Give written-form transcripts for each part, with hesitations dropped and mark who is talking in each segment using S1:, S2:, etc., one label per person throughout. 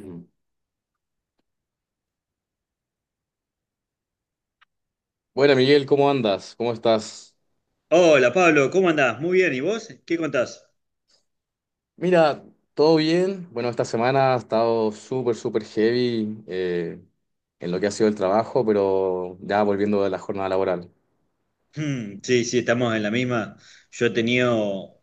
S1: Mm. Bueno, Miguel, ¿cómo andas? ¿Cómo estás?
S2: Hola Pablo, ¿cómo andás? Muy bien, ¿y vos? ¿Qué contás?
S1: Mira, todo bien. Bueno, esta semana ha estado súper, súper heavy en lo que ha sido el trabajo, pero ya volviendo de la jornada laboral.
S2: Hmm, sí, sí, estamos en la misma. Yo he tenido,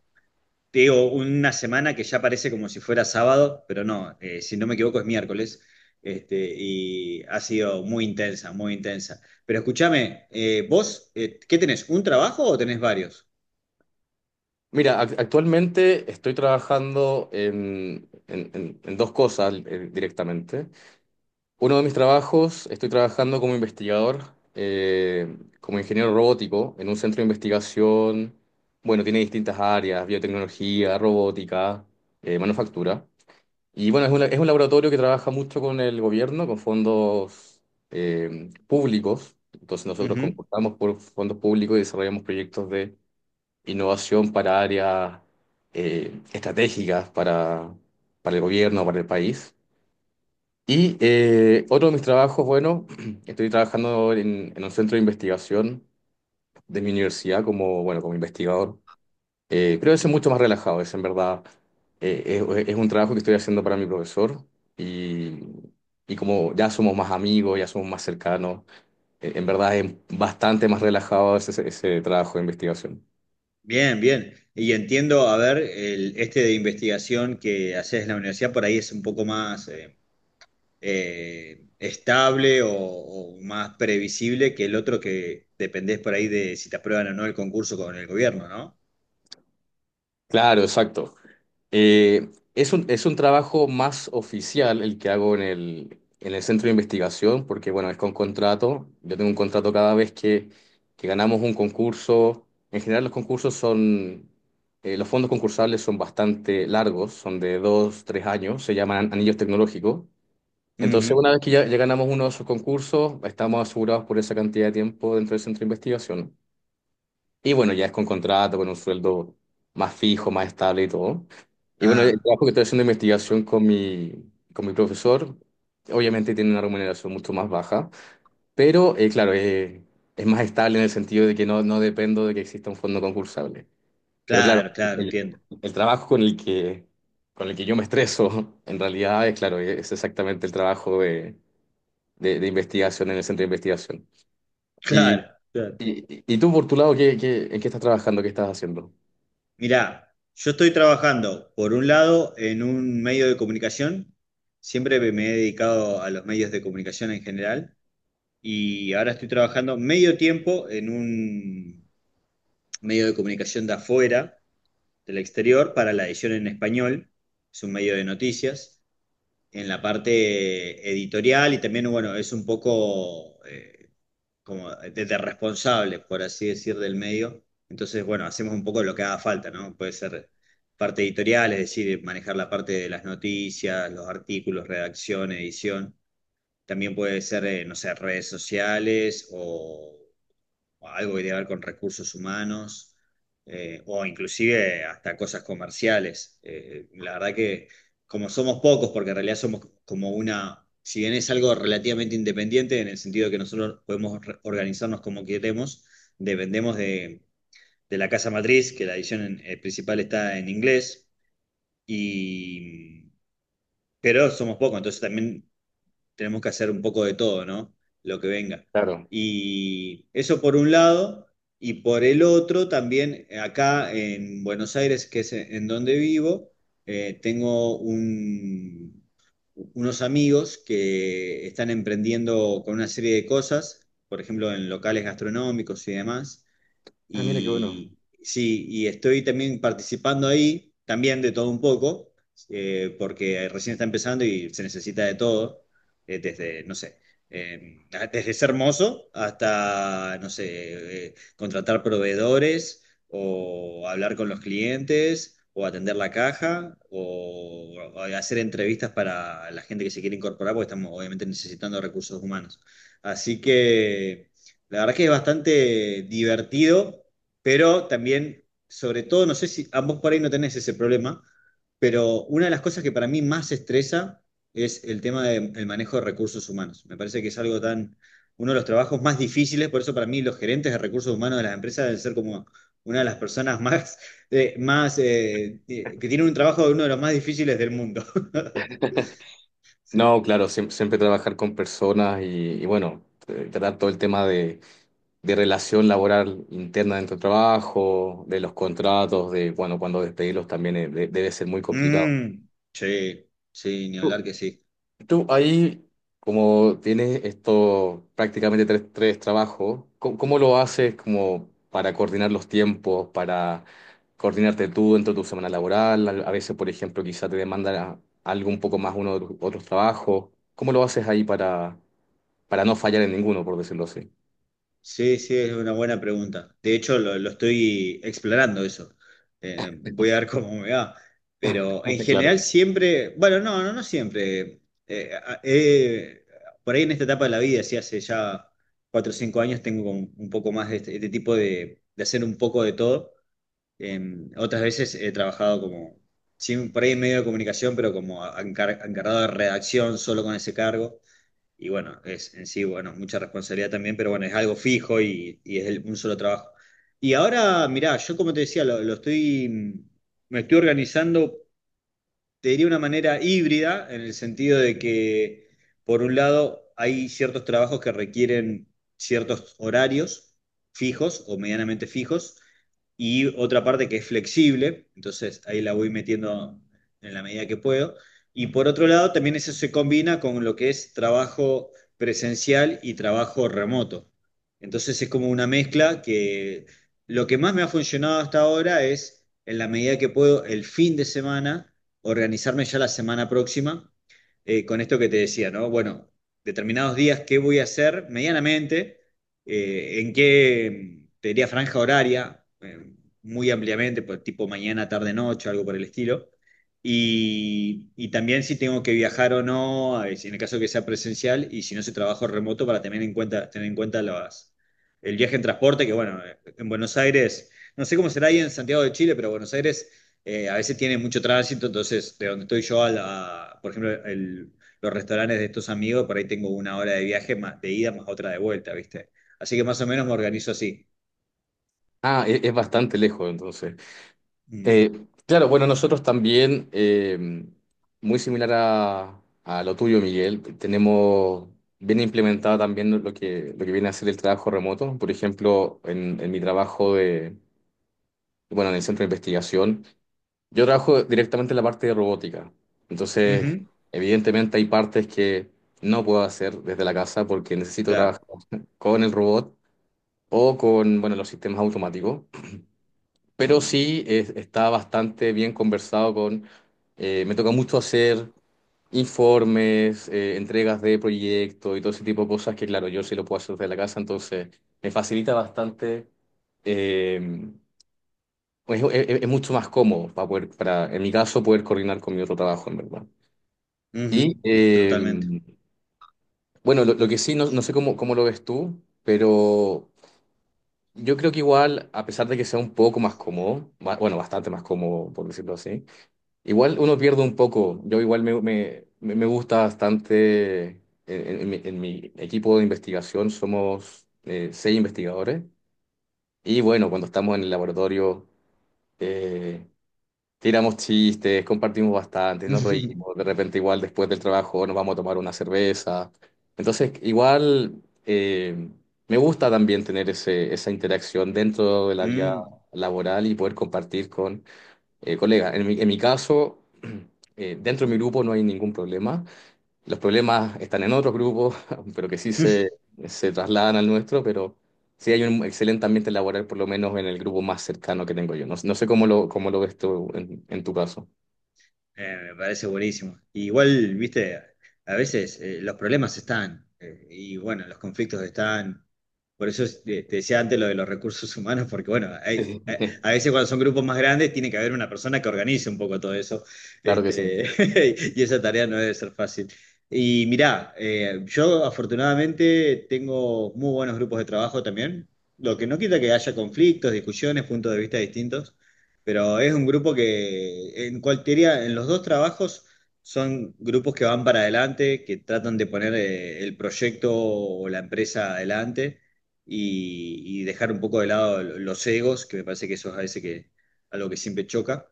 S2: te digo, una semana que ya parece como si fuera sábado, pero no, si no me equivoco es miércoles, y ha sido muy intensa, muy intensa. Pero escúchame, vos, ¿qué tenés? ¿Un trabajo o tenés varios?
S1: Mira, actualmente estoy trabajando en dos cosas directamente. Uno de mis trabajos, estoy trabajando como investigador, como ingeniero robótico en un centro de investigación. Bueno, tiene distintas áreas: biotecnología, robótica, manufactura. Y bueno, es un laboratorio que trabaja mucho con el gobierno, con fondos públicos. Entonces nosotros
S2: Ujú.
S1: concursamos por fondos públicos y desarrollamos proyectos de innovación para áreas estratégicas para el gobierno, para el país. Y otro de mis trabajos, bueno, estoy trabajando en un centro de investigación de mi universidad como, bueno, como investigador. Creo que es mucho más relajado, es en verdad, es un trabajo que estoy haciendo para mi profesor y, y como ya somos más amigos, ya somos más cercanos, en verdad es bastante más relajado ese trabajo de investigación.
S2: Bien, bien. Y entiendo, a ver, el, este de investigación que haces en la universidad por ahí es un poco más, estable o más previsible que el otro que dependés por ahí de si te aprueban o no el concurso con el gobierno, ¿no?
S1: Claro, exacto. Eh, es un trabajo más oficial el que hago en el centro de investigación, porque bueno, es con contrato. Yo tengo un contrato cada vez que ganamos un concurso. En general los concursos son, los fondos concursables son bastante largos, son de dos, tres años, se llaman anillos tecnológicos. Entonces,
S2: Ujú.
S1: una vez que ya ganamos uno de esos concursos, estamos asegurados por esa cantidad de tiempo dentro del centro de investigación. Y bueno, ya es con contrato, con un sueldo más fijo, más estable y todo. Y bueno, el
S2: Ah,
S1: trabajo que estoy haciendo de investigación con mi profesor, obviamente tiene una remuneración mucho más baja, pero claro, es más estable en el sentido de que no, no dependo de que exista un fondo concursable. Pero claro,
S2: claro, claro,
S1: el,
S2: entiendo.
S1: el trabajo con el con el que yo me estreso, en realidad, es claro, es exactamente el trabajo de investigación en el centro de investigación. Y,
S2: Claro, claro.
S1: y tú, por tu lado, ¿qué, qué... en qué estás trabajando? ¿Qué estás haciendo?
S2: Mirá, yo estoy trabajando, por un lado, en un medio de comunicación. Siempre me he dedicado a los medios de comunicación en general. Y ahora estoy trabajando medio tiempo en un medio de comunicación de afuera del exterior para la edición en español, es un medio de noticias, en la parte editorial y también, bueno, es un poco como de responsable, por así decir, del medio. Entonces, bueno, hacemos un poco lo que haga falta, ¿no? Puede ser parte editorial, es decir, manejar la parte de las noticias, los artículos, redacción, edición. También puede ser, no sé, redes sociales o algo que tiene que ver con recursos humanos, o inclusive hasta cosas comerciales. La verdad que como somos pocos, porque en realidad somos como una, si bien es algo relativamente independiente, en el sentido de que nosotros podemos organizarnos como queremos, dependemos de la casa matriz, que la edición principal está en inglés, y, pero somos pocos, entonces también tenemos que hacer un poco de todo, ¿no? Lo que venga.
S1: Claro.
S2: Y eso por un lado, y por el otro también acá en Buenos Aires, que es en donde vivo, tengo unos amigos que están emprendiendo con una serie de cosas, por ejemplo, en locales gastronómicos y demás.
S1: Ah, mira qué bueno.
S2: Y sí, y estoy también participando ahí, también de todo un poco, porque recién está empezando y se necesita de todo, desde, no sé, eh, desde ser mozo hasta, no sé, contratar proveedores o hablar con los clientes. O atender la caja, o hacer entrevistas para la gente que se quiere incorporar, porque estamos obviamente necesitando recursos humanos. Así que la verdad que es bastante divertido, pero también, sobre todo, no sé si ambos por ahí no tenés ese problema, pero una de las cosas que para mí más estresa es el tema del manejo de recursos humanos. Me parece que es algo tan, uno de los trabajos más difíciles, por eso para mí los gerentes de recursos humanos de las empresas deben ser como una de las personas más, que tienen un trabajo de uno de los más difíciles del mundo. Sí.
S1: No, claro, siempre, trabajar con personas y bueno, tratar todo el tema de relación laboral interna dentro del trabajo, de los contratos, de bueno, cuando despedirlos también debe ser muy complicado.
S2: Mm, sí, sí, ni hablar que sí.
S1: Tú ahí, como tienes esto prácticamente tres, tres trabajos, ¿cómo, cómo lo haces como para coordinar los tiempos, para coordinarte tú dentro de tu semana laboral? A veces, por ejemplo, quizá te demanda algo un poco más uno de tus otros trabajos. ¿Cómo lo haces ahí para no fallar en ninguno, por decirlo así?
S2: Sí, sí, es una buena pregunta. De hecho, lo estoy explorando eso. Voy a ver cómo me va. Pero en general
S1: Claro.
S2: siempre, bueno, no, no, no siempre. Por ahí en esta etapa de la vida, sí, hace ya 4 o 5 años tengo como un poco más de este tipo de hacer un poco de todo. Otras veces he trabajado como, sí, por ahí en medio de comunicación, pero como encargado de redacción, solo con ese cargo. Y bueno, es en sí, bueno, mucha responsabilidad también, pero bueno, es algo fijo y es un solo trabajo. Y ahora, mirá, yo como te decía, me estoy organizando te diría una manera híbrida, en el sentido de que, por un lado, hay ciertos trabajos que requieren ciertos horarios fijos o medianamente fijos, y otra parte que es flexible, entonces ahí la voy metiendo en la medida que puedo. Y por otro lado, también eso se combina con lo que es trabajo presencial y trabajo remoto. Entonces es como una mezcla que lo que más me ha funcionado hasta ahora es, en la medida que puedo, el fin de semana organizarme ya la semana próxima con esto que te decía, ¿no? Bueno, determinados días, ¿qué voy a hacer medianamente? ¿En qué, te diría, franja horaria? Muy ampliamente, pues, tipo mañana, tarde, noche, algo por el estilo. Y también si tengo que viajar o no, si en el caso que sea presencial y si no, si trabajo remoto para tener en cuenta el viaje en transporte, que bueno, en Buenos Aires, no sé cómo será ahí en Santiago de Chile, pero Buenos Aires a veces tiene mucho tránsito, entonces de donde estoy yo a la, por ejemplo, los restaurantes de estos amigos, por ahí tengo una hora de viaje más de ida más otra de vuelta, ¿viste? Así que más o menos me organizo así.
S1: Ah, es bastante lejos, entonces.
S2: Mm.
S1: Eh, claro, bueno, nosotros también, muy similar a lo tuyo, Miguel, tenemos bien implementado también lo lo que viene a ser el trabajo remoto. Por ejemplo, en mi trabajo de, bueno, en el centro de investigación, yo trabajo directamente en la parte de robótica. Entonces,
S2: Ujú,
S1: evidentemente hay partes que no puedo hacer desde la casa porque necesito trabajar
S2: claro.
S1: con el robot o con, bueno, los sistemas automáticos, pero sí está bastante bien conversado con... me toca mucho hacer informes, entregas de proyectos y todo ese tipo de cosas que, claro, yo sí lo puedo hacer desde la casa, entonces me facilita bastante. eh, es es mucho más cómodo para poder, para, en mi caso, poder coordinar con mi otro trabajo, en verdad.
S2: Ujú,
S1: Y
S2: totalmente.
S1: bueno, lo que sí, no, no sé cómo, cómo lo ves tú, pero yo creo que igual, a pesar de que sea un poco más cómodo, bueno, bastante más cómodo, por decirlo así, igual uno pierde un poco. Yo igual me gusta bastante. En mi, en mi equipo de investigación somos 6 investigadores. Y bueno, cuando estamos en el laboratorio, eh, tiramos chistes, compartimos bastante, nos reímos. De repente igual después del trabajo nos vamos a tomar una cerveza. Entonces igual me gusta también tener esa interacción dentro de la vía
S2: Mm.
S1: laboral y poder compartir colega, en mi caso, dentro de mi grupo no hay ningún problema. Los problemas están en otros grupos, pero que sí se trasladan al nuestro, pero sí hay un excelente ambiente laboral, por lo menos en el grupo más cercano que tengo yo. No, no sé cómo cómo lo ves tú en tu caso.
S2: Me parece buenísimo. Y igual, viste, a veces los problemas están y bueno, los conflictos están. Por eso te decía antes lo de los recursos humanos, porque bueno, a veces cuando son grupos más grandes tiene que haber una persona que organice un poco todo eso.
S1: Claro que sí.
S2: Este, y esa tarea no debe ser fácil. Y mirá, yo afortunadamente tengo muy buenos grupos de trabajo también, lo que no quita que haya conflictos, discusiones, puntos de vista distintos. Pero es un grupo que en cualquiera, en los dos trabajos son grupos que van para adelante, que tratan de poner el proyecto o la empresa adelante y dejar un poco de lado los egos, que me parece que eso es a veces que, algo que siempre choca.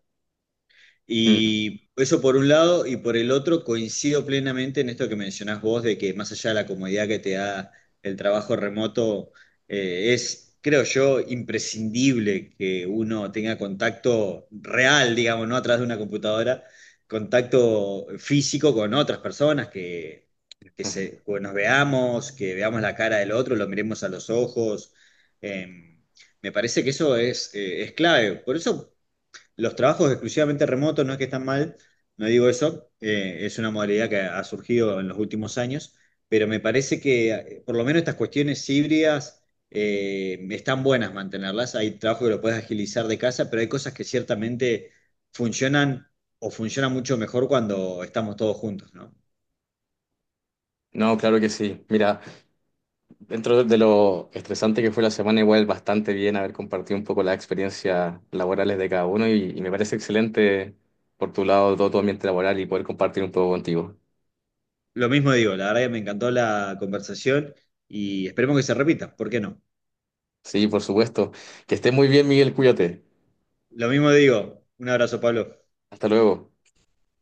S2: Y eso por un lado, y por el otro coincido plenamente en esto que mencionás vos, de que más allá de la comodidad que te da el trabajo remoto, creo yo, imprescindible que uno tenga contacto real, digamos, no atrás de una computadora, contacto físico con otras personas, que
S1: Mm.
S2: se, que nos veamos, que veamos la cara del otro, lo miremos a los ojos. em, me parece que eso es clave. Por eso los trabajos exclusivamente remotos no es que están mal, no digo eso, es una modalidad que ha surgido en los últimos años, pero me parece que por lo menos estas cuestiones híbridas están buenas mantenerlas. Hay trabajo que lo puedes agilizar de casa, pero hay cosas que ciertamente funcionan o funcionan mucho mejor cuando estamos todos juntos, ¿no?
S1: No, claro que sí. Mira, dentro de lo estresante que fue la semana, igual bastante bien haber compartido un poco las experiencias laborales de cada uno y me parece excelente por tu lado todo tu ambiente laboral y poder compartir un poco contigo.
S2: Lo mismo digo, la verdad que me encantó la conversación y esperemos que se repita, ¿por qué no?
S1: Sí, por supuesto. Que estés muy bien, Miguel, cuídate.
S2: Lo mismo digo, un abrazo, Pablo.
S1: Hasta luego.